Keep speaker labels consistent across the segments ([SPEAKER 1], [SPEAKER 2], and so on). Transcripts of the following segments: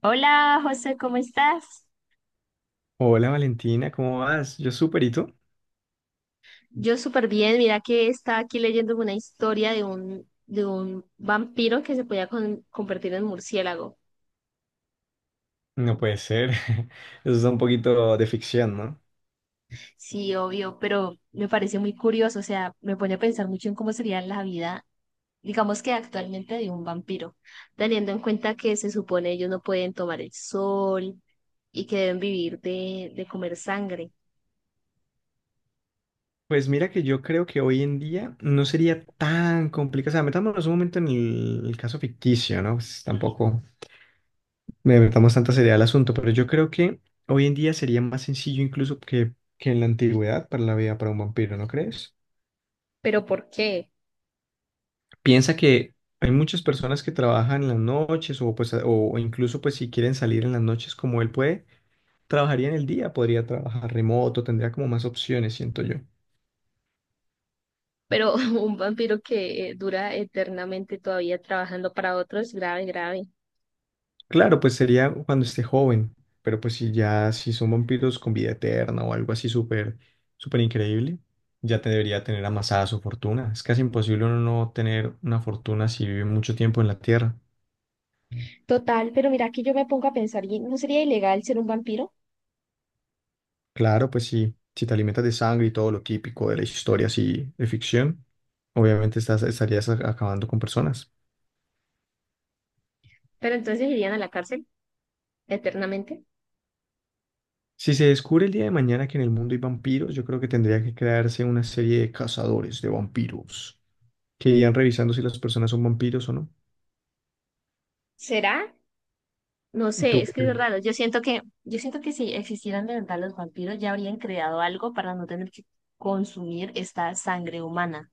[SPEAKER 1] Hola José, ¿cómo estás?
[SPEAKER 2] Hola Valentina, ¿cómo vas? Yo súper, ¿y tú?
[SPEAKER 1] Yo súper bien, mira que estaba aquí leyendo una historia de un vampiro que se podía convertir en murciélago.
[SPEAKER 2] No puede ser. Eso es un poquito de ficción, ¿no?
[SPEAKER 1] Sí, obvio, pero me parece muy curioso, o sea, me pone a pensar mucho en cómo sería la vida, digamos que actualmente de un vampiro, teniendo en cuenta que se supone ellos no pueden tomar el sol y que deben vivir de comer sangre.
[SPEAKER 2] Pues mira que yo creo que hoy en día no sería tan complicado. O sea, metámonos un momento en el caso ficticio, ¿no? Pues tampoco me metamos tanta seriedad al asunto, pero yo creo que hoy en día sería más sencillo incluso que en la antigüedad para la vida para un vampiro, ¿no crees?
[SPEAKER 1] ¿Pero por qué?
[SPEAKER 2] Piensa que hay muchas personas que trabajan en las noches o, pues, o incluso pues si quieren salir en las noches como él puede. Trabajaría en el día, podría trabajar remoto, tendría como más opciones, siento yo.
[SPEAKER 1] Pero un vampiro que dura eternamente todavía trabajando para otros, grave, grave.
[SPEAKER 2] Claro, pues sería cuando esté joven, pero pues si son vampiros con vida eterna o algo así súper, súper increíble, ya te debería tener amasada su fortuna. Es casi imposible uno no tener una fortuna si vive mucho tiempo en la Tierra.
[SPEAKER 1] Total, pero mira, aquí yo me pongo a pensar, ¿y no sería ilegal ser un vampiro?
[SPEAKER 2] Claro, pues sí, si te alimentas de sangre y todo lo típico de la historia así de ficción, obviamente estarías acabando con personas.
[SPEAKER 1] Pero entonces irían a la cárcel eternamente.
[SPEAKER 2] Si se descubre el día de mañana que en el mundo hay vampiros, yo creo que tendría que crearse una serie de cazadores de vampiros que irían revisando si las personas son vampiros o no.
[SPEAKER 1] ¿Será? No sé,
[SPEAKER 2] ¿Tú
[SPEAKER 1] es
[SPEAKER 2] qué
[SPEAKER 1] que es
[SPEAKER 2] crees?
[SPEAKER 1] raro. Yo siento que si existieran de verdad los vampiros, ya habrían creado algo para no tener que consumir esta sangre humana.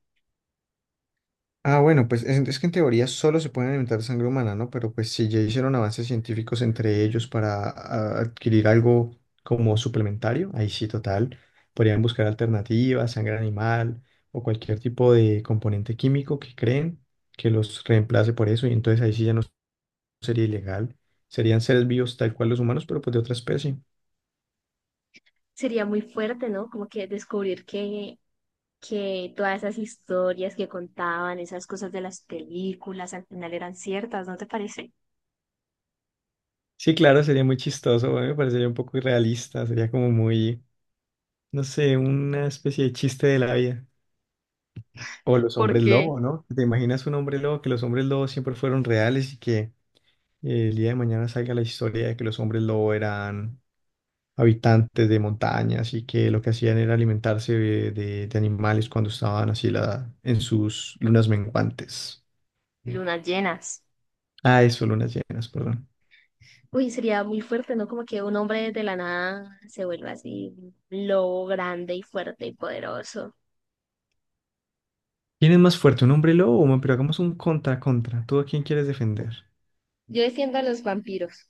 [SPEAKER 2] Ah, bueno, pues es que en teoría solo se pueden alimentar de sangre humana, ¿no? Pero pues si ya hicieron avances científicos entre ellos para adquirir algo como suplementario, ahí sí, total. Podrían buscar alternativas, sangre animal o cualquier tipo de componente químico que creen que los reemplace por eso y entonces ahí sí ya no sería ilegal. Serían seres vivos tal cual los humanos, pero pues de otra especie.
[SPEAKER 1] Sería muy fuerte, ¿no? Como que descubrir que todas esas historias que contaban, esas cosas de las películas, al final eran ciertas, ¿no te parece?
[SPEAKER 2] Sí, claro, sería muy chistoso, a mí me parecería un poco irrealista, sería como muy, no sé, una especie de chiste de la vida. O los hombres
[SPEAKER 1] Porque
[SPEAKER 2] lobo, ¿no? ¿Te imaginas un hombre lobo, que los hombres lobos siempre fueron reales y que el día de mañana salga la historia de que los hombres lobo eran habitantes de montañas y que lo que hacían era alimentarse de, de animales cuando estaban así la, en sus lunas menguantes?
[SPEAKER 1] lunas llenas.
[SPEAKER 2] Ah, eso, lunas llenas, perdón.
[SPEAKER 1] Uy, sería muy fuerte, ¿no? Como que un hombre de la nada se vuelva así, un lobo grande y fuerte y poderoso.
[SPEAKER 2] ¿Quién es más fuerte, un hombre lobo o un hombre? Pero hagamos un contra. ¿Tú a quién quieres defender?
[SPEAKER 1] Yo defiendo a los vampiros.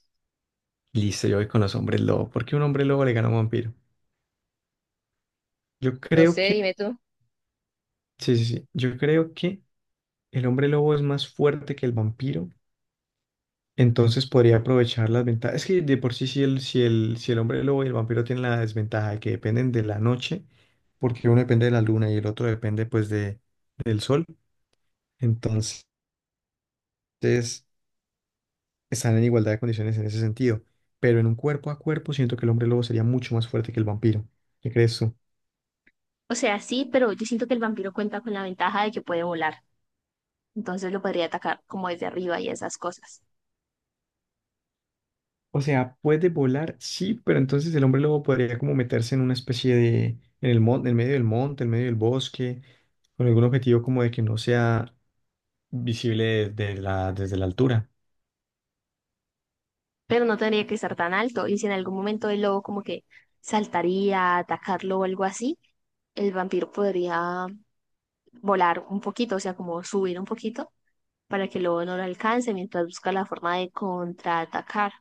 [SPEAKER 2] Listo, yo voy con los hombres lobo. ¿Por qué un hombre lobo le gana a un vampiro? Yo
[SPEAKER 1] No
[SPEAKER 2] creo
[SPEAKER 1] sé,
[SPEAKER 2] que,
[SPEAKER 1] dime tú.
[SPEAKER 2] sí, sí, sí. Yo creo que el hombre lobo es más fuerte que el vampiro. Entonces podría aprovechar las ventajas. Es que de por sí, si el, si el hombre lobo y el vampiro tienen la desventaja de que dependen de la noche, porque uno depende de la luna y el otro depende pues del sol. Entonces, están en igualdad de condiciones en ese sentido, pero en un cuerpo a cuerpo siento que el hombre lobo sería mucho más fuerte que el vampiro. ¿Qué crees tú?
[SPEAKER 1] O sea, sí, pero yo siento que el vampiro cuenta con la ventaja de que puede volar. Entonces lo podría atacar como desde arriba y esas cosas.
[SPEAKER 2] O sea, puede volar, sí, pero entonces el hombre lobo podría como meterse en una especie de, en el monte, en medio del monte, en medio del bosque, con algún objetivo como de que no sea visible desde la altura.
[SPEAKER 1] Pero no tendría que estar tan alto. Y si en algún momento el lobo como que saltaría a atacarlo o algo así, el vampiro podría volar un poquito, o sea, como subir un poquito para que el lobo no lo alcance mientras busca la forma de contraatacar.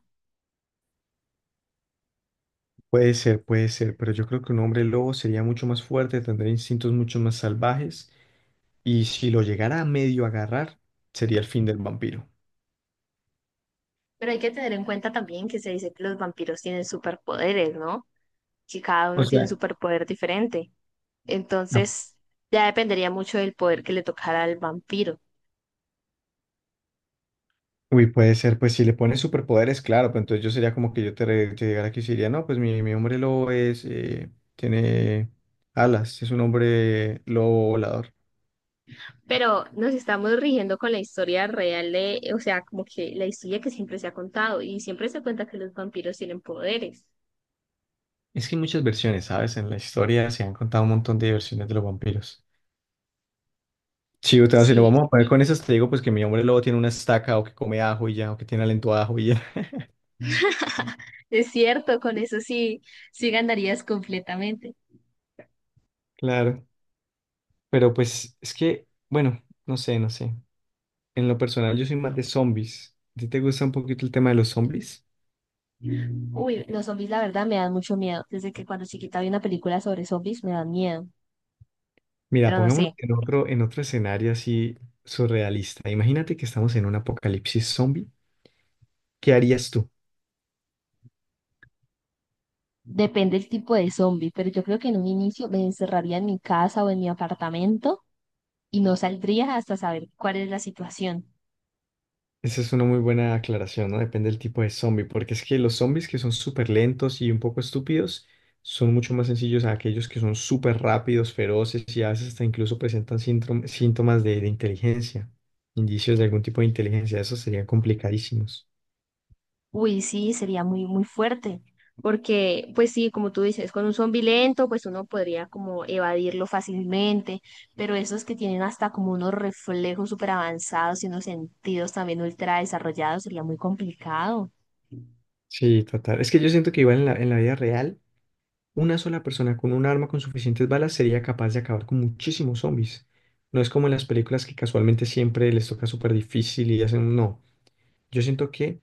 [SPEAKER 2] Puede ser, pero yo creo que un hombre lobo sería mucho más fuerte, tendría instintos mucho más salvajes, y si lo llegara a medio agarrar, sería el fin del vampiro.
[SPEAKER 1] Pero hay que tener en cuenta también que se dice que los vampiros tienen superpoderes, ¿no? Que cada
[SPEAKER 2] O
[SPEAKER 1] uno tiene un
[SPEAKER 2] sea,
[SPEAKER 1] superpoder diferente. Entonces, ya dependería mucho del poder que le tocara al vampiro.
[SPEAKER 2] uy, puede ser, pues si le pones superpoderes, claro, pues entonces yo sería como que yo te llegara aquí y diría, no, pues mi hombre lobo es, tiene alas, es un hombre lobo volador.
[SPEAKER 1] Pero nos estamos rigiendo con la historia real de, o sea, como que la historia que siempre se ha contado y siempre se cuenta que los vampiros tienen poderes.
[SPEAKER 2] Es que hay muchas versiones, ¿sabes? En la historia se han contado un montón de versiones de los vampiros. Sí, o sea, si nos
[SPEAKER 1] Sí,
[SPEAKER 2] vamos a poner con esas, te digo pues que mi hombre lobo tiene una estaca o que come ajo y ya, o que tiene aliento a ajo y ya.
[SPEAKER 1] es cierto, con eso sí, sí ganarías completamente.
[SPEAKER 2] Claro, pero pues es que, bueno, no sé, no sé. En lo personal yo soy más de zombies. ¿A ti te gusta un poquito el tema de los zombies?
[SPEAKER 1] Uy, los zombies la verdad me dan mucho miedo. Desde que cuando chiquita vi una película sobre zombies me dan miedo.
[SPEAKER 2] Mira,
[SPEAKER 1] Pero no
[SPEAKER 2] pongámonos
[SPEAKER 1] sé,
[SPEAKER 2] en otro escenario así surrealista. Imagínate que estamos en un apocalipsis zombie. ¿Qué harías tú?
[SPEAKER 1] depende el tipo de zombie, pero yo creo que en un inicio me encerraría en mi casa o en mi apartamento y no saldría hasta saber cuál es la situación.
[SPEAKER 2] Esa es una muy buena aclaración, ¿no? Depende del tipo de zombie, porque es que los zombies que son súper lentos y un poco estúpidos son mucho más sencillos a aquellos que son súper rápidos, feroces y a veces hasta incluso presentan síntomas de inteligencia, indicios de algún tipo de inteligencia. Esos serían complicadísimos.
[SPEAKER 1] Uy, sí, sería muy, muy fuerte, porque pues sí, como tú dices, con un zombi lento, pues uno podría como evadirlo fácilmente, pero esos que tienen hasta como unos reflejos súper avanzados y unos sentidos también ultra desarrollados, sería muy complicado.
[SPEAKER 2] Sí, total. Es que yo siento que igual en la vida real. Una sola persona con un arma con suficientes balas sería capaz de acabar con muchísimos zombies. No es como en las películas que casualmente siempre les toca súper difícil y hacen un no. Yo siento que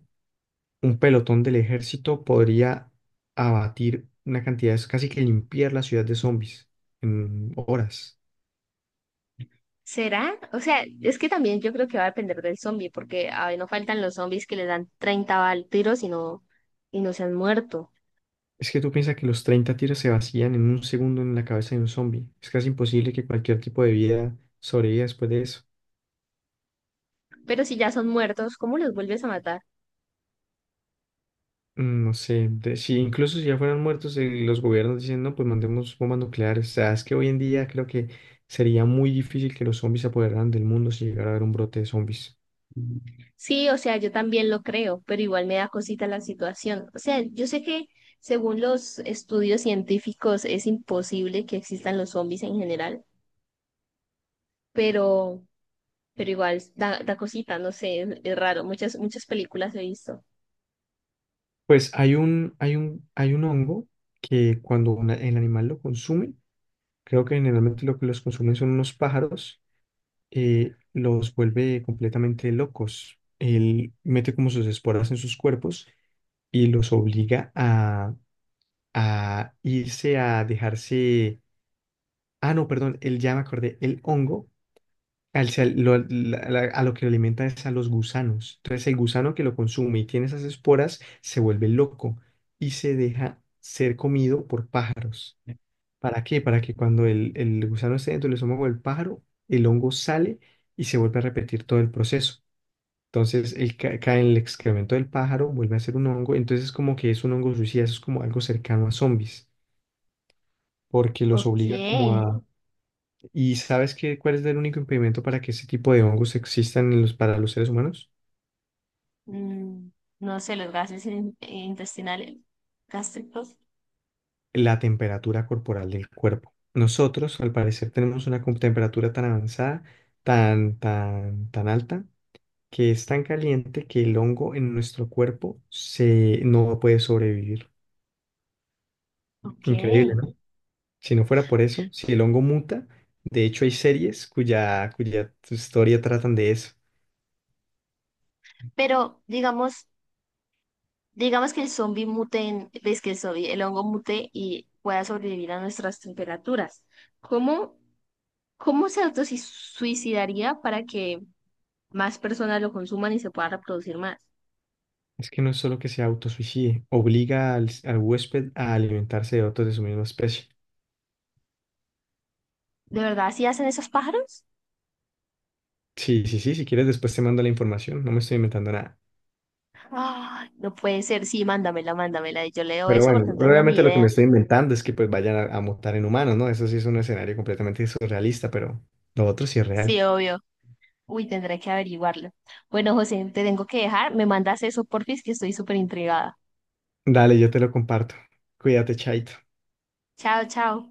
[SPEAKER 2] un pelotón del ejército podría abatir una cantidad, es casi que limpiar la ciudad de zombies en horas.
[SPEAKER 1] ¿Será? O sea, es que también yo creo que va a depender del zombie, porque a ver, no faltan los zombies que le dan 30 tiros y no se han muerto.
[SPEAKER 2] Es que tú piensas que los 30 tiros se vacían en un segundo en la cabeza de un zombie. Es casi imposible que cualquier tipo de vida sobreviva después de eso.
[SPEAKER 1] Pero si ya son muertos, ¿cómo los vuelves a matar?
[SPEAKER 2] Mm, no sé, de- si incluso si ya fueran muertos, los gobiernos dicen, no, pues mandemos bombas nucleares. O sea, es que hoy en día creo que sería muy difícil que los zombies se apoderaran del mundo si llegara a haber un brote de zombies.
[SPEAKER 1] Sí, o sea, yo también lo creo, pero igual me da cosita la situación. O sea, yo sé que según los estudios científicos es imposible que existan los zombies en general, pero, pero igual da, da cosita, no sé, es raro. Muchas películas he visto.
[SPEAKER 2] Pues hay un, hay un hongo que cuando el animal lo consume, creo que generalmente lo que los consumen son unos pájaros, los vuelve completamente locos. Él mete como sus esporas en sus cuerpos y los obliga a irse a dejarse. Ah, no, perdón, el ya me acordé, el hongo, a lo que lo alimenta es a los gusanos. Entonces el gusano que lo consume y tiene esas esporas se vuelve loco y se deja ser comido por pájaros. ¿Para qué? Para que cuando el gusano esté dentro del estómago del pájaro, el hongo sale y se vuelve a repetir todo el proceso. Entonces el, cae en el excremento del pájaro, vuelve a ser un hongo, entonces como que es un hongo suicida, eso es como algo cercano a zombies, porque los
[SPEAKER 1] Ok.
[SPEAKER 2] obliga como a... ¿Y sabes qué, cuál es el único impedimento para que ese tipo de hongos existan en los, para los seres humanos?
[SPEAKER 1] Mm, no sé, los gases intestinales, gástricos.
[SPEAKER 2] La temperatura corporal del cuerpo. Nosotros, al parecer, tenemos una temperatura tan avanzada, tan, tan, tan alta, que es tan caliente que el hongo en nuestro cuerpo no puede sobrevivir.
[SPEAKER 1] Ok.
[SPEAKER 2] Increíble, ¿no? Si no fuera por eso, si el hongo muta, de hecho hay series cuya, cuya historia tratan de eso.
[SPEAKER 1] Pero digamos, Digamos que el zombie mute, ves que el zombie, el hongo mute y pueda sobrevivir a nuestras temperaturas. ¿Cómo, cómo se autosuicidaría para que más personas lo consuman y se pueda reproducir más?
[SPEAKER 2] Es que no es solo que se autosuicide, obliga al huésped a alimentarse de otros de su misma especie.
[SPEAKER 1] ¿De verdad así hacen esos pájaros?
[SPEAKER 2] Sí, sí, sí, si quieres después te mando la información, no me estoy inventando nada.
[SPEAKER 1] Ay, no puede ser. Sí, mándamela, mándamela. Y yo leo
[SPEAKER 2] Pero
[SPEAKER 1] eso
[SPEAKER 2] bueno,
[SPEAKER 1] porque no tenía ni
[SPEAKER 2] obviamente lo que me
[SPEAKER 1] idea.
[SPEAKER 2] estoy inventando es que pues vayan a mutar en humanos, ¿no? Eso sí es un escenario completamente surrealista, pero lo otro sí es
[SPEAKER 1] Sí,
[SPEAKER 2] real.
[SPEAKER 1] obvio. Uy, tendré que averiguarlo. Bueno, José, te tengo que dejar. Me mandas eso, porfis, que estoy súper intrigada.
[SPEAKER 2] Dale, yo te lo comparto. Cuídate, Chaito.
[SPEAKER 1] Chao, chao.